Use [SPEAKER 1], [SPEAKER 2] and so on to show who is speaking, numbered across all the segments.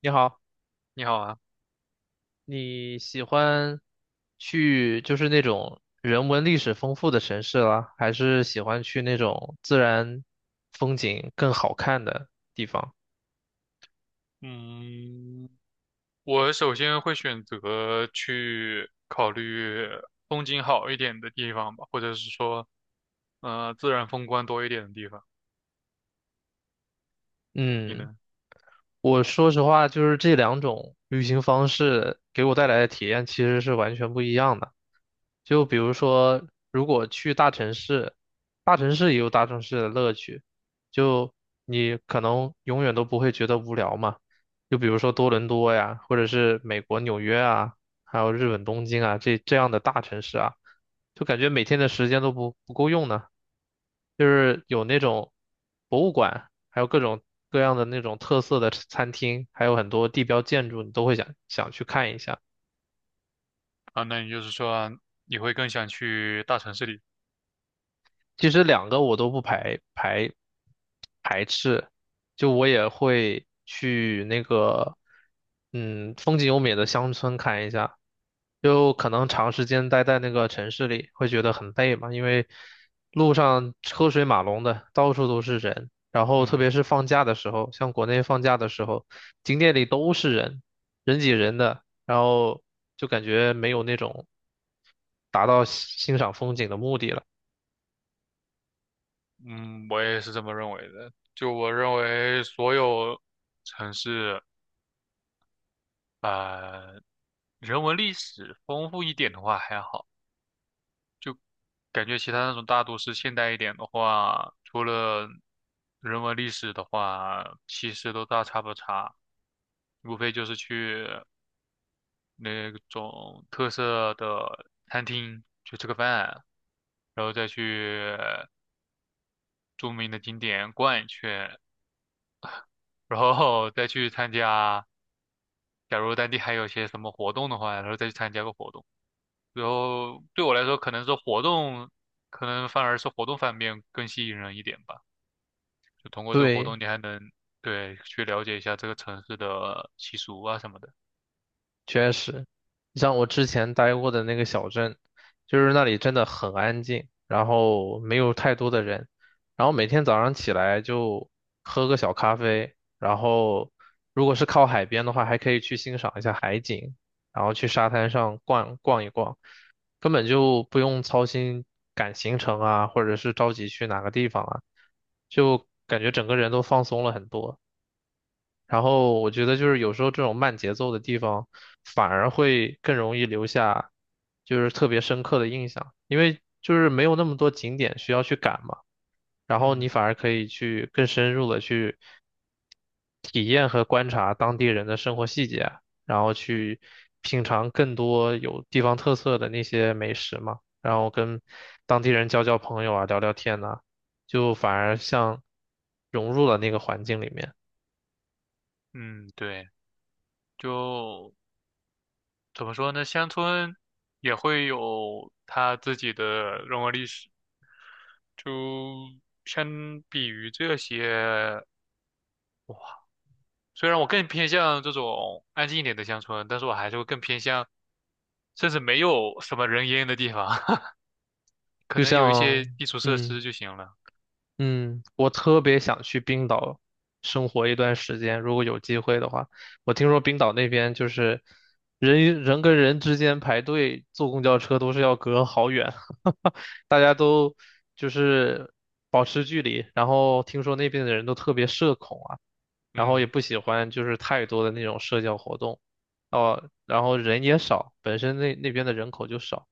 [SPEAKER 1] 你好，
[SPEAKER 2] 你好啊，
[SPEAKER 1] 你喜欢去就是那种人文历史丰富的城市啦，还是喜欢去那种自然风景更好看的地方？
[SPEAKER 2] 嗯，我首先会选择去考虑风景好一点的地方吧，或者是说，自然风光多一点的地方。你
[SPEAKER 1] 嗯。
[SPEAKER 2] 呢？
[SPEAKER 1] 我说实话，就是这两种旅行方式给我带来的体验其实是完全不一样的。就比如说，如果去大城市，大城市也有大城市的乐趣，就你可能永远都不会觉得无聊嘛。就比如说多伦多呀，或者是美国纽约啊，还有日本东京啊，这样的大城市啊。就感觉每天的时间都不够用呢。就是有那种博物馆，还有各种各样的那种特色的餐厅，还有很多地标建筑，你都会想去看一下。
[SPEAKER 2] 啊，那也就是说，你会更想去大城市里？
[SPEAKER 1] 其实两个我都不排斥，就我也会去那个，风景优美的乡村看一下。就可能长时间待在那个城市里，会觉得很累嘛，因为路上车水马龙的，到处都是人。然后特
[SPEAKER 2] 嗯
[SPEAKER 1] 别是放假的时候，像国内放假的时候，景点里都是人，人挤人的，然后就感觉没有那种达到欣赏风景的目的了。
[SPEAKER 2] 嗯，我也是这么认为的。就我认为，所有城市，呃，人文历史丰富一点的话还好。感觉其他那种大都市现代一点的话，除了人文历史的话，其实都大差不差，无非就是去那种特色的餐厅去吃个饭，然后再去著名的景点逛一圈，然后 再去参加，假如当地还有些什么活动的话，然后再去参加个活动。然后对我来说，可能是活动，可能反而是活动方面更吸引人一点吧。就通过这个活
[SPEAKER 1] 对。
[SPEAKER 2] 动，你还能对去了解一下这个城市的习俗啊什么的。
[SPEAKER 1] 确实，像我之前待过的那个小镇，就是那里真的很安静，然后没有太多的人，然后每天早上起来就喝个小咖啡，然后如果是靠海边的话，还可以去欣赏一下海景，然后去沙滩上逛一逛，根本就不用操心赶行程啊，或者是着急去哪个地方啊，就感觉整个人都放松了很多。然后我觉得就是有时候这种慢节奏的地方，反而会更容易留下就是特别深刻的印象，因为就是没有那么多景点需要去赶嘛，然后你
[SPEAKER 2] 嗯
[SPEAKER 1] 反而可以去更深入的去体验和观察当地人的生活细节，然后去品尝更多有地方特色的那些美食嘛，然后跟当地人交交朋友啊，聊聊天呐，就反而像融入了那个环境里面。
[SPEAKER 2] 嗯，对，就怎么说呢？乡村也会有它自己的人文历史，就相比于这些。虽然我更偏向这种安静一点的乡村，但是我还是会更偏向，甚至没有什么人烟的地方，可
[SPEAKER 1] 就
[SPEAKER 2] 能有一些
[SPEAKER 1] 像，
[SPEAKER 2] 基础设
[SPEAKER 1] 嗯
[SPEAKER 2] 施就行了。
[SPEAKER 1] 嗯，我特别想去冰岛生活一段时间，如果有机会的话，我听说冰岛那边就是人与人跟人之间排队坐公交车都是要隔好远，大家都就是保持距离，然后听说那边的人都特别社恐啊。然后也
[SPEAKER 2] 嗯。
[SPEAKER 1] 不喜欢就是太多的那种社交活动，哦，然后人也少，本身那边的人口就少，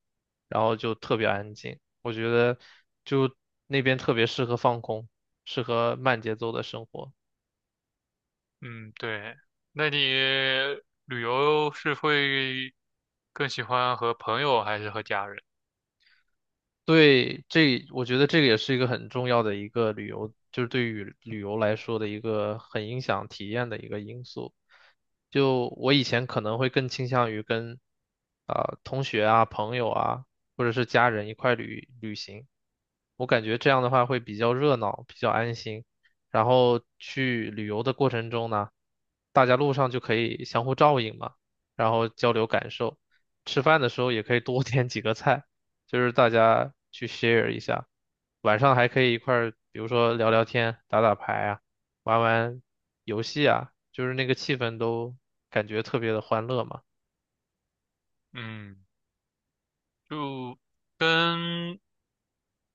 [SPEAKER 1] 然后就特别安静。我觉得就那边特别适合放空，适合慢节奏的生活。
[SPEAKER 2] 嗯，对。那你旅游是会更喜欢和朋友还是和家人？
[SPEAKER 1] 对，我觉得这个也是一个很重要的一个旅游，就是对于旅游来说的一个很影响体验的一个因素。就我以前可能会更倾向于跟啊、同学啊、朋友啊，或者是家人一块旅行，我感觉这样的话会比较热闹，比较安心。然后去旅游的过程中呢，大家路上就可以相互照应嘛，然后交流感受，吃饭的时候也可以多点几个菜。就是大家去 share 一下，晚上还可以一块儿，比如说聊聊天、打打牌啊，玩玩游戏啊，就是那个气氛都感觉特别的欢乐嘛。
[SPEAKER 2] 嗯，就跟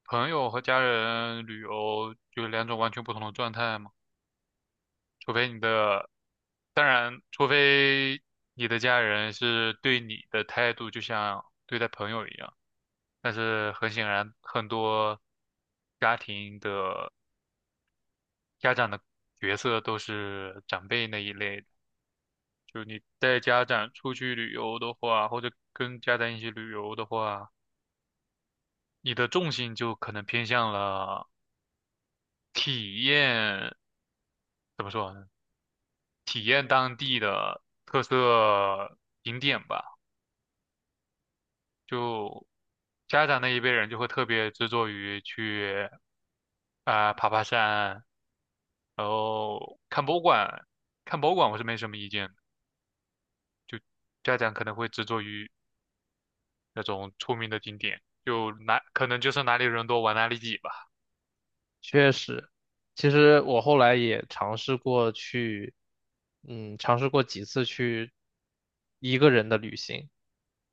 [SPEAKER 2] 朋友和家人旅游就两种完全不同的状态嘛。除非你的，当然，除非你的家人是对你的态度就像对待朋友一样。但是很显然，很多家庭的家长的角色都是长辈那一类的。就你带家长出去旅游的话，或者跟家长一起旅游的话，你的重心就可能偏向了体验，怎么说呢？体验当地的特色景点吧。就家长那一辈人就会特别执着于去啊、爬爬山，然后看博物馆。看博物馆我是没什么意见的，就家长可能会执着于那种出名的景点，就哪可能就是哪里人多玩哪里挤吧。
[SPEAKER 1] 确实，其实我后来也尝试过去，尝试过几次去一个人的旅行。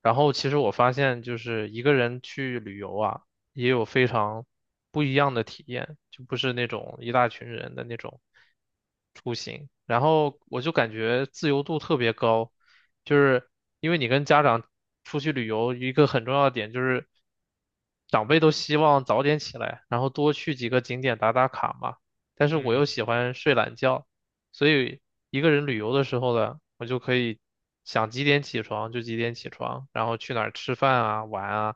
[SPEAKER 1] 然后其实我发现，就是一个人去旅游啊，也有非常不一样的体验，就不是那种一大群人的那种出行。然后我就感觉自由度特别高，就是因为你跟家长出去旅游，一个很重要的点就是长辈都希望早点起来，然后多去几个景点打打卡嘛。但是我又
[SPEAKER 2] 嗯。
[SPEAKER 1] 喜欢睡懒觉。所以一个人旅游的时候呢，我就可以想几点起床就几点起床，然后去哪儿吃饭啊、玩啊，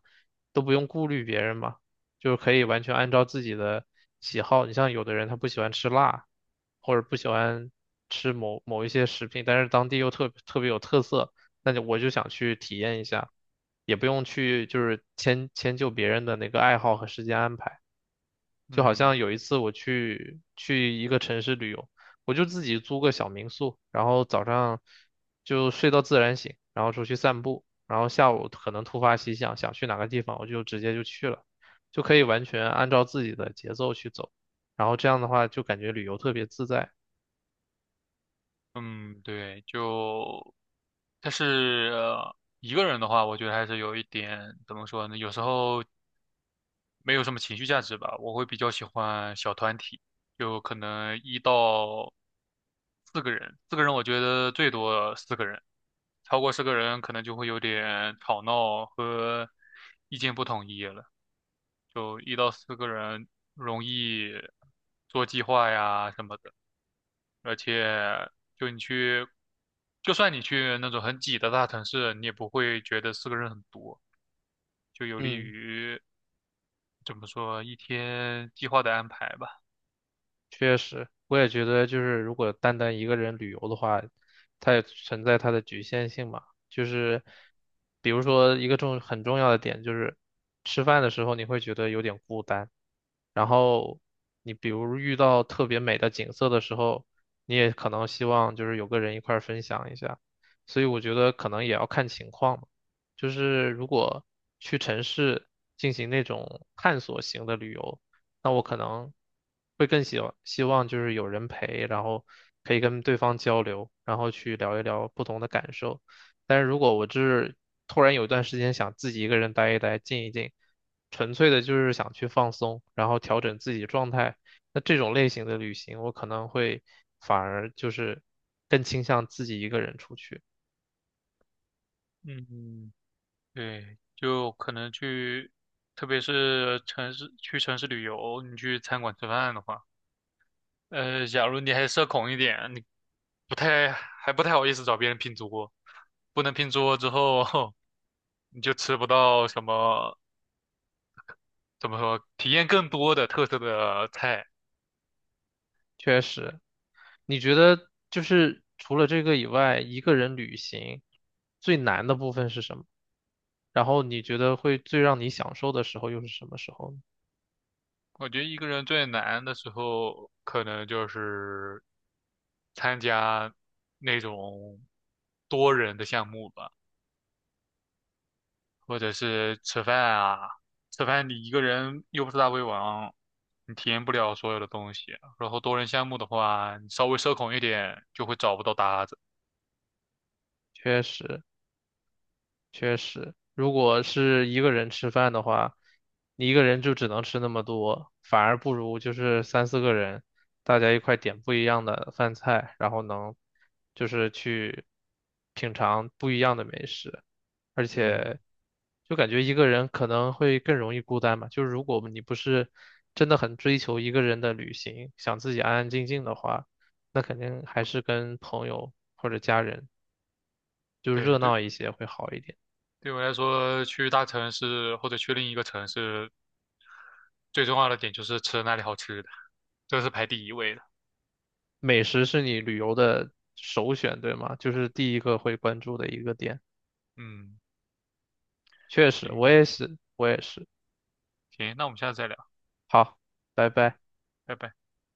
[SPEAKER 1] 都不用顾虑别人嘛，就是可以完全按照自己的喜好。你像有的人他不喜欢吃辣，或者不喜欢吃某某一些食品，但是当地又特别有特色，那就我就想去体验一下，也不用去就是迁就别人的那个爱好和时间安排。就好
[SPEAKER 2] 嗯
[SPEAKER 1] 像有一次我去一个城市旅游，我就自己租个小民宿，然后早上就睡到自然醒，然后出去散步，然后下午可能突发奇想，想去哪个地方，我就直接就去了，就可以完全按照自己的节奏去走，然后这样的话就感觉旅游特别自在。
[SPEAKER 2] 嗯，对，就，但是一个人的话，我觉得还是有一点怎么说呢？有时候没有什么情绪价值吧。我会比较喜欢小团体，就可能一到四个人，四个人我觉得最多四个人，超过四个人可能就会有点吵闹和意见不统一了。就一到四个人容易做计划呀什么的。而且就你去，就算你去那种很挤的大城市，你也不会觉得四个人很多，就有利
[SPEAKER 1] 嗯。
[SPEAKER 2] 于怎么说一天计划的安排吧。
[SPEAKER 1] 确实，我也觉得，就是如果单单一个人旅游的话，它也存在它的局限性嘛。就是比如说一个很重要的点，就是吃饭的时候你会觉得有点孤单，然后你比如遇到特别美的景色的时候，你也可能希望就是有个人一块儿分享一下。所以我觉得可能也要看情况嘛。就是如果去城市进行那种探索型的旅游。那我可能会更希望就是有人陪，然后可以跟对方交流，然后去聊一聊不同的感受。但是如果我就是突然有一段时间想自己一个人待一待、静一静，纯粹的就是想去放松，然后调整自己状态，那这种类型的旅行，我可能会反而就是更倾向自己一个人出去。
[SPEAKER 2] 嗯，对，就可能去，特别是城市去城市旅游，你去餐馆吃饭的话，假如你还社恐一点，你不太好意思找别人拼桌，不能拼桌之后，你就吃不到什么怎么说体验更多的特色的菜。
[SPEAKER 1] 确实，你觉得就是除了这个以外，一个人旅行最难的部分是什么？然后你觉得会最让你享受的时候又是什么时候呢？
[SPEAKER 2] 我觉得一个人最难的时候，可能就是参加那种多人的项目吧，或者是吃饭啊。吃饭你一个人又不是大胃王，你体验不了所有的东西啊。然后多人项目的话，你稍微社恐一点就会找不到搭子。
[SPEAKER 1] 确实。确实，如果是一个人吃饭的话，你一个人就只能吃那么多，反而不如就是三四个人，大家一块点不一样的饭菜，然后能就是去品尝不一样的美食，而
[SPEAKER 2] 嗯，
[SPEAKER 1] 且就感觉一个人可能会更容易孤单嘛，就是如果你不是真的很追求一个人的旅行，想自己安安静静的话，那肯定还是跟朋友或者家人就
[SPEAKER 2] 对
[SPEAKER 1] 热
[SPEAKER 2] 对，
[SPEAKER 1] 闹一些会好一点。
[SPEAKER 2] 对我来说，去大城市或者去另一个城市，最重要的点就是吃那里好吃的，这是排第一位的。
[SPEAKER 1] 美食是你旅游的首选，对吗？就是第一个会关注的一个点。
[SPEAKER 2] 嗯，
[SPEAKER 1] 确实，我
[SPEAKER 2] 行，
[SPEAKER 1] 也是，我也是。
[SPEAKER 2] 行，那我们下次再聊，
[SPEAKER 1] 好，拜
[SPEAKER 2] 嗯，
[SPEAKER 1] 拜。
[SPEAKER 2] 拜拜。